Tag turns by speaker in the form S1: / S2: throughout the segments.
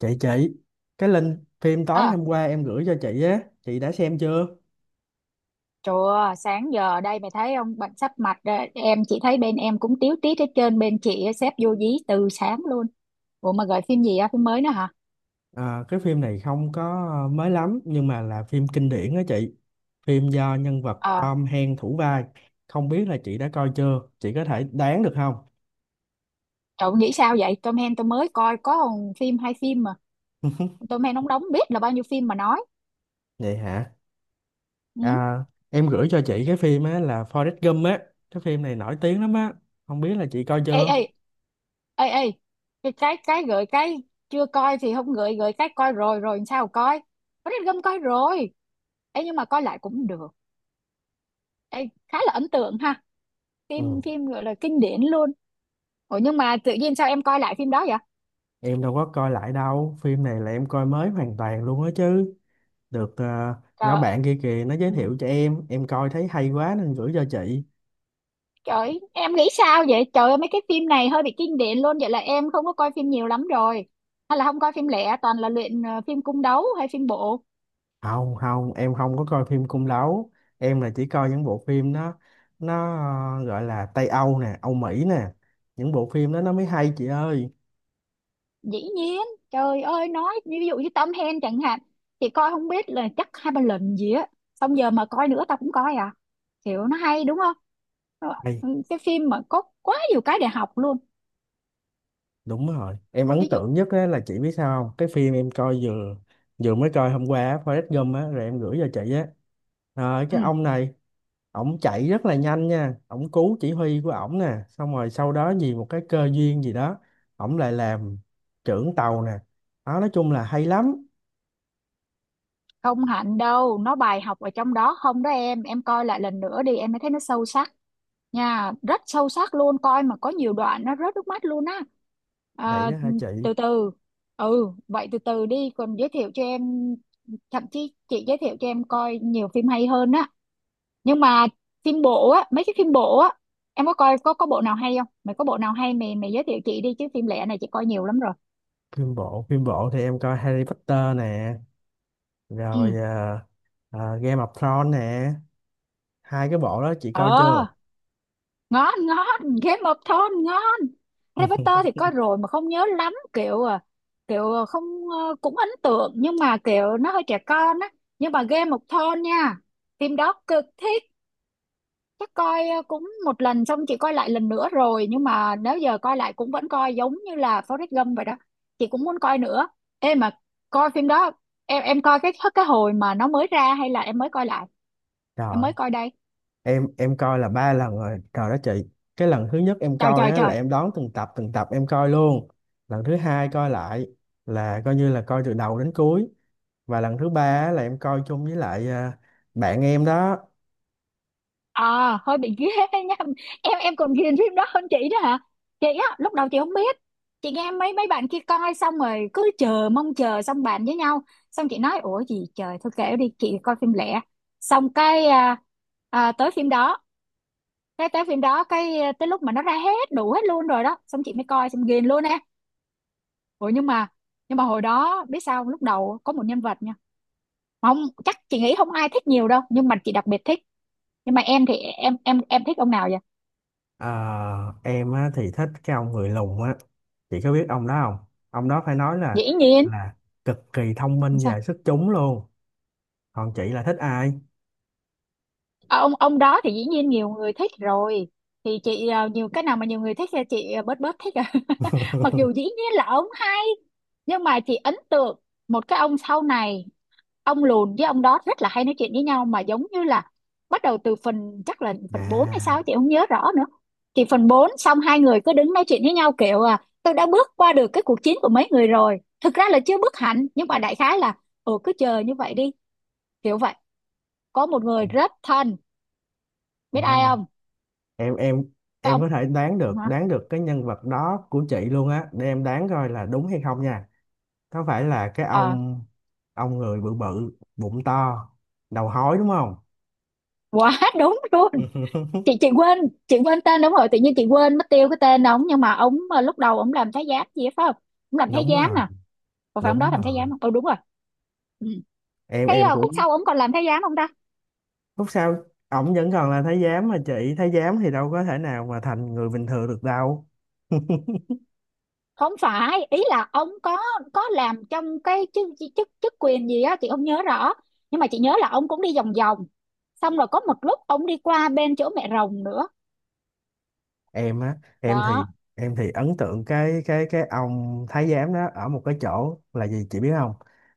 S1: Chị, cái link phim tối
S2: À,
S1: hôm qua em gửi cho chị á, chị đã xem chưa?
S2: trời ơi, sáng giờ đây mày thấy không, bệnh sắp mạch rồi. Em chỉ thấy bên em cũng tíu tít hết trơn, bên chị á, sếp vô dí từ sáng luôn. Ủa mà gửi phim gì á, phim mới nữa hả?
S1: Cái phim này không có mới lắm nhưng mà là phim kinh điển á chị. Phim do nhân vật
S2: Ờ,
S1: Tom Hanks thủ vai. Không biết là chị đã coi chưa, chị có thể đoán được không?
S2: trời nghĩ sao vậy, Tom Hanks tôi mới coi có còn phim hay phim mà. Tom Hanks ông đóng biết là bao nhiêu phim mà nói.
S1: Vậy hả?
S2: Ừ.
S1: à, em gửi cho chị cái phim á là Forrest Gump á. Cái phim này nổi tiếng lắm á, không biết là chị coi
S2: Ê, ê,
S1: chưa.
S2: ê, ê, cái gửi cái chưa coi thì không gửi, gửi cái coi rồi rồi làm sao coi. Forrest Gump coi rồi. Ê, nhưng mà coi lại cũng được. Ê, khá là ấn tượng ha. Phim
S1: Ừ.
S2: phim gọi là kinh điển luôn. Ủa nhưng mà tự nhiên sao em coi lại phim đó vậy?
S1: Em đâu có coi lại đâu, phim này là em coi mới hoàn toàn luôn á chứ. Được, nhóm
S2: Trời,
S1: bạn kia kìa nó giới
S2: ừ.
S1: thiệu cho em coi thấy hay quá nên gửi cho chị.
S2: Trời, em nghĩ sao vậy? Trời ơi, mấy cái phim này hơi bị kinh điển luôn. Vậy là em không có coi phim nhiều lắm rồi. Hay là không coi phim lẻ, toàn là luyện phim cung đấu hay phim bộ.
S1: Không không, em không có coi phim cung đấu. Em là chỉ coi những bộ phim nó gọi là Tây Âu nè, Âu Mỹ nè. Những bộ phim đó nó mới hay chị ơi.
S2: Dĩ nhiên, trời ơi, nói ví dụ như Tom Hanks chẳng hạn. Thì coi không biết là chắc hai ba lần gì á. Xong giờ mà coi nữa tao cũng coi à. Kiểu nó hay đúng không? Nó-
S1: Hay,
S2: Cái phim mà có quá nhiều cái để học luôn.
S1: đúng rồi. Em ấn
S2: Ví dụ,
S1: tượng nhất á, là chị biết sao không, cái phim em coi vừa vừa mới coi hôm qua á, Forrest Gump á rồi em gửi cho chị á. Rồi cái
S2: ừ.
S1: ông này ổng chạy rất là nhanh nha, ổng cứu chỉ huy của ổng nè, xong rồi sau đó vì một cái cơ duyên gì đó ổng lại làm trưởng tàu nè. Đó, nói chung là hay lắm.
S2: Không hạnh đâu nó bài học ở trong đó, không đó em coi lại lần nữa đi em mới thấy nó sâu sắc nha, rất sâu sắc luôn, coi mà có nhiều đoạn nó rớt nước mắt luôn á.
S1: Vậy
S2: à,
S1: đó hả chị?
S2: Từ từ, ừ, vậy từ từ đi còn giới thiệu cho em, thậm chí chị giới thiệu cho em coi nhiều phim hay hơn á. Nhưng mà phim bộ á, mấy cái phim bộ á, em có coi có bộ nào hay không? Mày có bộ nào hay mày mày giới thiệu chị đi chứ phim lẻ này chị coi nhiều lắm rồi.
S1: Phim bộ phim bộ thì em coi Harry Potter nè,
S2: Ừ.
S1: rồi Game of Thrones nè. Hai cái bộ đó chị coi chưa?
S2: ờ Ngon ngon, Game of Thrones ngon. Harry Potter thì coi rồi mà không nhớ lắm, kiểu à kiểu à, không ờ, cũng ấn tượng nhưng mà kiểu nó hơi trẻ con á. Nhưng mà Game of Thrones nha, phim đó cực thích. Chắc coi cũng một lần xong chị coi lại lần nữa rồi, nhưng mà nếu giờ coi lại cũng vẫn coi giống như là Forrest Gump vậy đó, chị cũng muốn coi nữa. Ê mà coi phim đó, em coi cái hồi mà nó mới ra hay là em mới coi lại? Em mới
S1: Rồi,
S2: coi đây.
S1: em coi là ba lần rồi rồi đó chị. Cái lần thứ nhất em
S2: Trời
S1: coi
S2: trời
S1: á
S2: trời.
S1: là em đón từng tập em coi luôn. Lần thứ hai coi lại là coi như là coi từ đầu đến cuối. Và lần thứ ba á, là em coi chung với lại bạn em đó.
S2: À, hơi bị ghê nha, em còn ghiền phim đó hơn chị đó hả. Chị á lúc đầu chị không biết, chị nghe mấy mấy bạn kia coi xong rồi cứ chờ mong chờ xong bàn với nhau, xong chị nói ủa gì trời, thôi kệ đi chị coi phim lẻ. Xong tới phim đó, cái tới phim đó tới lúc mà nó ra hết đủ hết luôn rồi đó, xong chị mới coi xong ghiền luôn á. Ủa nhưng mà, hồi đó biết sao không? Lúc đầu có một nhân vật nha, mà không chắc, chị nghĩ không ai thích nhiều đâu nhưng mà chị đặc biệt thích. Nhưng mà em thì em thích ông nào vậy?
S1: Ờ, em á, thì thích cái ông người lùn á. Chị có biết ông đó không? Ông đó phải nói
S2: Dĩ nhiên,
S1: là cực kỳ thông minh và
S2: sao?
S1: xuất chúng luôn. Còn chị là thích ai?
S2: Ờ, ông đó thì dĩ nhiên nhiều người thích rồi, thì chị nhiều cái nào mà nhiều người thích thì chị bớt bớt thích à mặc dù dĩ nhiên là ông hay. Nhưng mà chị ấn tượng một cái ông sau này, ông lùn với ông đó rất là hay nói chuyện với nhau mà, giống như là bắt đầu từ phần chắc là phần 4 hay sao
S1: à,
S2: chị không nhớ rõ nữa. Thì phần 4 xong, hai người cứ đứng nói chuyện với nhau kiểu à tôi đã bước qua được cái cuộc chiến của mấy người rồi, thực ra là chưa bước hẳn nhưng mà đại khái là ừ cứ chờ như vậy đi, kiểu vậy. Có một người rất thân, biết ai
S1: à.
S2: không?
S1: em em
S2: Cái
S1: em
S2: ông,
S1: có thể đoán được,
S2: hả?
S1: đoán được cái nhân vật đó của chị luôn á, để em đoán coi là đúng hay không nha. Có phải là cái
S2: ờ
S1: ông người bự bự bụng to, đầu hói đúng không?
S2: Quá đúng luôn. chị chị quên, chị quên tên, đúng rồi tự nhiên chị quên mất tiêu cái tên ông. Nhưng mà ông lúc đầu ông làm thái giám gì đó, phải không? Ông làm thái
S1: Đúng
S2: giám
S1: rồi.
S2: nè, còn phải ông đó
S1: Đúng
S2: làm thái giám
S1: rồi.
S2: không? Ừ đúng rồi. Ừ.
S1: em
S2: Cái
S1: em
S2: khúc
S1: cũng
S2: sau ông còn làm thái giám không ta?
S1: Lúc sau ổng vẫn còn là thái giám mà chị, thái giám thì đâu có thể nào mà thành người bình thường được đâu.
S2: Không phải, ý là ông có làm trong cái chức chức chức quyền gì á chị không nhớ rõ, nhưng mà chị nhớ là ông cũng đi vòng vòng, xong rồi có một lúc ông đi qua bên chỗ mẹ rồng nữa
S1: Em á,
S2: đó.
S1: em thì ấn tượng cái ông thái giám đó ở một cái chỗ là gì chị biết không?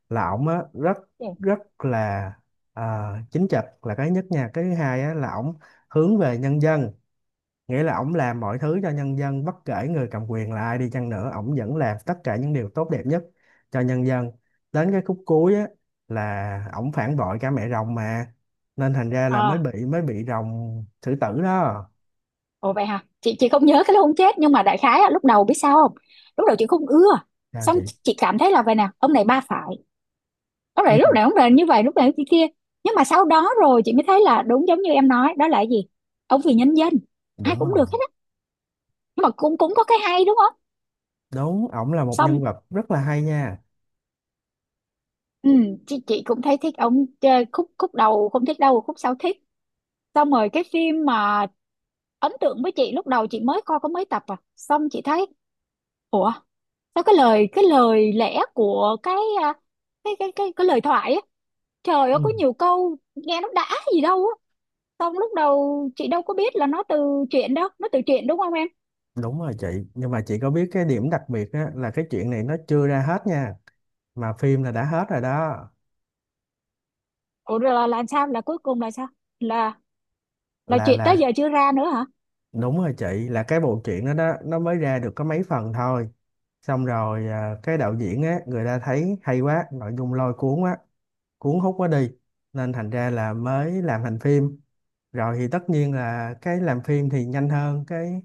S1: Là ổng á rất, rất là ờ, chính trực là cái nhất nha. Cái thứ hai á là ổng hướng về nhân dân, nghĩa là ổng làm mọi thứ cho nhân dân, bất kể người cầm quyền là ai đi chăng nữa ổng vẫn làm tất cả những điều tốt đẹp nhất cho nhân dân. Đến cái khúc cuối á là ổng phản bội cả mẹ rồng mà, nên thành ra là
S2: ờ
S1: mới bị rồng xử tử đó.
S2: Ồ vậy hả? Chị không nhớ cái lúc ông chết, nhưng mà đại khái á, lúc đầu biết sao không? Lúc đầu chị không ưa.
S1: Sao
S2: Xong
S1: chị?
S2: chị cảm thấy là vậy nè, ông này ba phải. Ông này
S1: Ừ.
S2: lúc nào cũng là như vậy, lúc nào cũng kia kia. Nhưng mà sau đó rồi chị mới thấy là đúng giống như em nói, đó là cái gì? Ông vì nhân dân, ai
S1: Đúng
S2: cũng được
S1: rồi.
S2: hết á. Nhưng mà cũng cũng có cái hay đúng không?
S1: Đúng, ổng là một
S2: Xong
S1: nhân vật rất là hay nha.
S2: ừ, chị cũng thấy thích ông, chơi khúc khúc đầu không thích đâu, khúc sau thích. Xong rồi cái phim mà ấn tượng với chị, lúc đầu chị mới coi có mấy tập à. Xong chị thấy ủa, nó cái lời lẽ của cái à, cái lời thoại á, trời ơi có
S1: Ừ.
S2: nhiều câu nghe nó đã gì đâu á. Xong lúc đầu chị đâu có biết là nó từ chuyện đâu, nó từ chuyện đúng không em?
S1: Đúng rồi chị, nhưng mà chị có biết cái điểm đặc biệt á, là cái chuyện này nó chưa ra hết nha, mà phim là đã hết rồi đó.
S2: Ủa rồi là sao? Là cuối cùng là sao? Là
S1: là
S2: chuyện tới
S1: là
S2: giờ chưa ra nữa hả?
S1: đúng rồi chị, là cái bộ truyện đó đó nó mới ra được có mấy phần thôi. Xong rồi cái đạo diễn á người ta thấy hay quá, nội dung lôi cuốn quá, cuốn hút quá đi, nên thành ra là mới làm thành phim. Rồi thì tất nhiên là cái làm phim thì nhanh hơn cái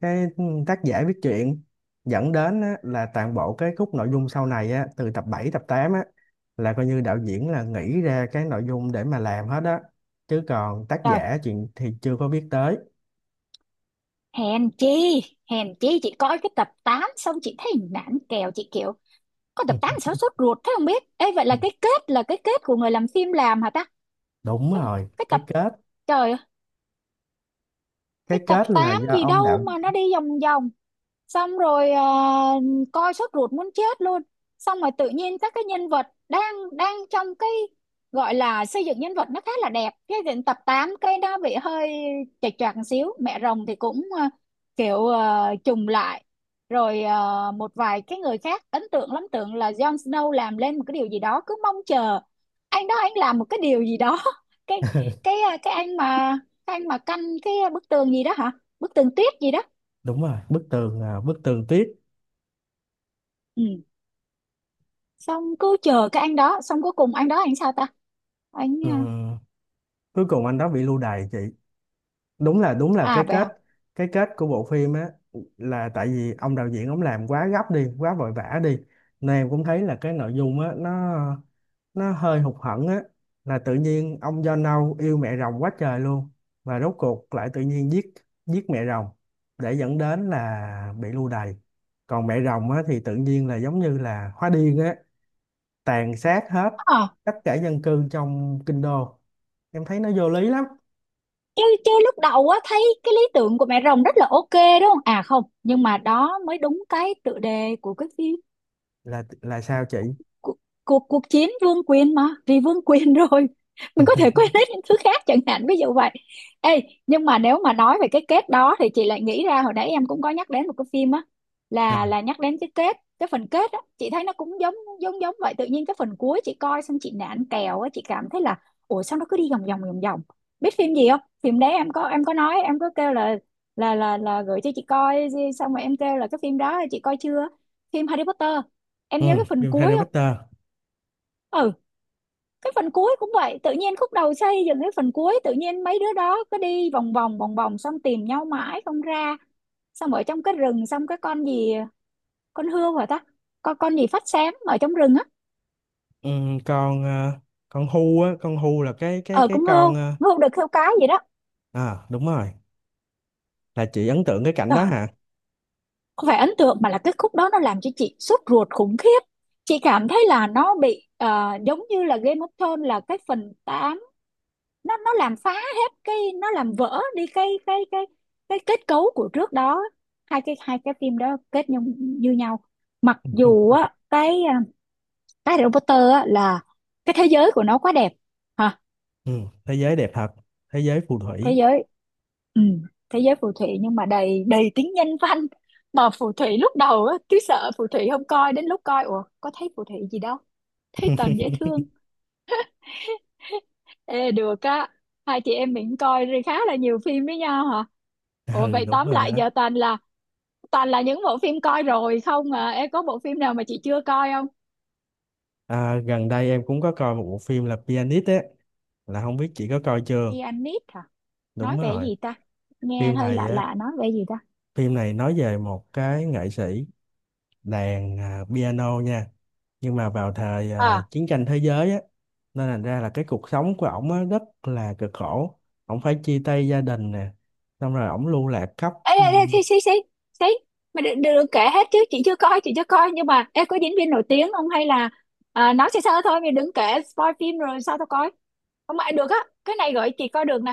S1: cái tác giả viết truyện, dẫn đến á, là toàn bộ cái khúc nội dung sau này á, từ tập 7 tập 8 á, là coi như đạo diễn là nghĩ ra cái nội dung để mà làm hết á, chứ còn tác
S2: Trời,
S1: giả chuyện thì chưa có biết tới.
S2: hèn chi, hèn chi chị coi cái tập 8 xong chị thấy nản kèo, chị kiểu có tập 8 sao sốt ruột thế không biết. Ê vậy là cái kết của người làm phim làm hả ta?
S1: Đúng rồi,
S2: cái tập
S1: cái kết,
S2: trời
S1: cái
S2: cái tập
S1: kết là
S2: 8
S1: do
S2: gì
S1: ông
S2: đâu
S1: đạo
S2: mà nó
S1: diễn.
S2: đi vòng vòng, xong rồi coi sốt ruột muốn chết luôn. Xong rồi tự nhiên các cái nhân vật đang đang trong cái gọi là xây dựng nhân vật nó khá là đẹp, cái đến tập 8 cái nó bị hơi chệch choạc một xíu. Mẹ rồng thì cũng kiểu trùng lại. Rồi một vài cái người khác ấn tượng lắm, tưởng là Jon Snow làm lên một cái điều gì đó, cứ mong chờ anh đó anh làm một cái điều gì đó cái cái ờ, cái anh mà canh cái bức tường gì đó hả, bức tường tuyết gì đó.
S1: Đúng rồi, bức tường, bức tường tuyết.
S2: Ừ. Xong cứ chờ cái anh đó, xong cuối cùng anh đó anh sao ta? Anh
S1: Ừ.
S2: à
S1: Cuối cùng anh đó bị lưu đày chị. Đúng là, đúng là
S2: à,
S1: cái
S2: vậy
S1: kết,
S2: hả?
S1: cái kết của bộ phim á, là tại vì ông đạo diễn ông làm quá gấp đi, quá vội vã đi, nên em cũng thấy là cái nội dung á nó hơi hụt hẫng á. Là tự nhiên ông do nâu yêu mẹ rồng quá trời luôn, và rốt cuộc lại tự nhiên giết giết mẹ rồng, để dẫn đến là bị lưu đày. Còn mẹ rồng á thì tự nhiên là giống như là hóa điên á, tàn sát hết
S2: ờ
S1: tất cả dân cư trong kinh đô. Em thấy nó vô lý lắm.
S2: Chứ chứ lúc đầu á thấy cái lý tưởng của mẹ rồng rất là ok đúng không? À không, nhưng mà đó mới đúng cái tựa đề của cái phim.
S1: Là sao chị?
S2: Cuộc, cuộc Cuộc chiến vương quyền mà, vì vương quyền rồi mình có thể quên hết những thứ khác chẳng hạn, ví dụ vậy. Ê nhưng mà nếu mà nói về cái kết đó thì chị lại nghĩ ra hồi nãy em cũng có nhắc đến một cái phim á,
S1: À.
S2: là nhắc đến cái kết, cái phần kết á chị thấy nó cũng giống giống giống vậy. Tự nhiên cái phần cuối chị coi xong chị nản kèo á, chị cảm thấy là ủa sao nó cứ đi vòng vòng vòng vòng. Biết phim gì không? Phim đấy em có, em nói em có kêu là gửi cho chị coi, xong rồi em kêu là cái phim đó chị coi chưa. Phim Harry Potter, em
S1: Ừ,
S2: nhớ cái phần
S1: phim Harry
S2: cuối không?
S1: Potter.
S2: Ừ. Cái phần cuối cũng vậy, tự nhiên khúc đầu xây dựng, cái phần cuối tự nhiên mấy đứa đó cứ đi vòng vòng vòng vòng, xong tìm nhau mãi không ra, xong ở trong cái rừng, xong cái con gì, con hươu hả ta? Con gì phát sáng ở trong rừng á?
S1: Ừ, con ờ, con Hu á, con Hu là cái cái
S2: Ờ
S1: cái
S2: con
S1: con
S2: hươu, hươu được hươu cái gì đó.
S1: à đúng rồi. Là chị ấn tượng cái cảnh
S2: Ờ,
S1: đó hả?
S2: không phải ấn tượng, mà là cái khúc đó nó làm cho chị sốt ruột khủng khiếp, chị cảm thấy là nó bị giống như là Game of Thrones, là cái phần nó làm phá hết cái, nó làm vỡ đi cái kết cấu của trước đó. Hai cái phim đó kết nhau như nhau. Mặc
S1: ừ,
S2: dù á cái Harry Potter á là cái thế giới của nó quá đẹp hả,
S1: ừ, thế giới đẹp thật, thế giới phù
S2: thế
S1: thủy.
S2: giới ừ, thế giới phù thủy nhưng mà đầy đầy tính nhân văn. Mà phù thủy lúc đầu á cứ sợ phù thủy không coi, đến lúc coi ủa có thấy phù thủy gì đâu, thấy toàn dễ thương. Ê được á, hai chị em mình coi rồi khá là nhiều phim với nhau hả. Ủa
S1: Ừ,
S2: vậy
S1: đúng
S2: tóm
S1: rồi
S2: lại
S1: đó.
S2: giờ toàn là, những bộ phim coi rồi không, à em có bộ phim nào mà chị chưa coi không?
S1: Gần đây em cũng có coi một bộ phim là Pianist á, là không biết chị có coi chưa.
S2: Pianist hả?
S1: Đúng
S2: Nói về
S1: rồi.
S2: gì ta? Nghe
S1: Phim
S2: hơi
S1: này
S2: lạ
S1: á,
S2: lạ, nói về gì ta?
S1: phim này nói về một cái nghệ sĩ đàn piano nha, nhưng mà vào thời
S2: À,
S1: chiến tranh thế giới á, nên thành ra là cái cuộc sống của ổng á rất là cực khổ, ổng phải chia tay gia đình nè, xong rồi ổng lưu lạc khắp.
S2: ê, ê, ê, xí, xí, xí, xí, mà đừng, đừng đừng kể hết chứ, chị chưa coi, chị chưa coi, nhưng mà em có diễn viên nổi tiếng không hay là, nói sơ sơ thôi, mình đừng kể spoil phim rồi sao tao coi, không ai được á. Cái này gửi chị coi được nè.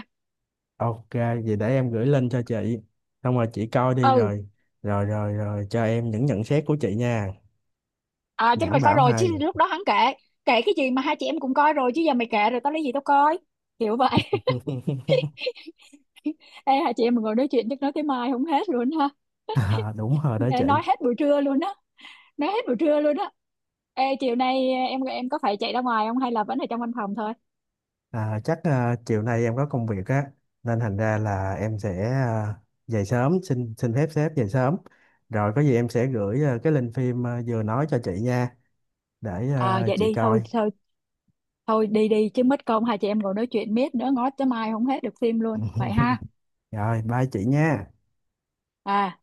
S1: Ok, vậy để em gửi link cho chị, xong rồi chị coi đi
S2: Ừ.
S1: rồi rồi cho em những nhận xét của chị nha.
S2: À chứ
S1: Đảm
S2: mày coi
S1: bảo
S2: rồi chứ,
S1: hay.
S2: lúc đó hắn kể kể cái gì mà hai chị em cũng coi rồi chứ, giờ mày kể rồi tao lấy gì tao coi, kiểu vậy. Ê, hai chị em mình ngồi nói chuyện chắc nói tới mai không hết luôn ha.
S1: À, đúng rồi đó chị.
S2: Ê, nói hết buổi trưa luôn á, nói hết buổi trưa luôn á. Ê, chiều nay em có phải chạy ra ngoài không hay là vẫn ở trong văn phòng thôi?
S1: À, chắc chiều nay em có công việc á, nên thành ra là em sẽ dậy sớm, xin xin phép sếp dậy sớm, rồi có gì em sẽ gửi cái link phim vừa nói cho chị nha, để
S2: À vậy
S1: chị
S2: đi, thôi
S1: coi.
S2: thôi thôi đi đi, chứ mất công hai chị em ngồi nói chuyện miết nữa ngó tới mai không hết được phim luôn.
S1: Ừ.
S2: Vậy ha.
S1: Rồi, bye chị nha.
S2: À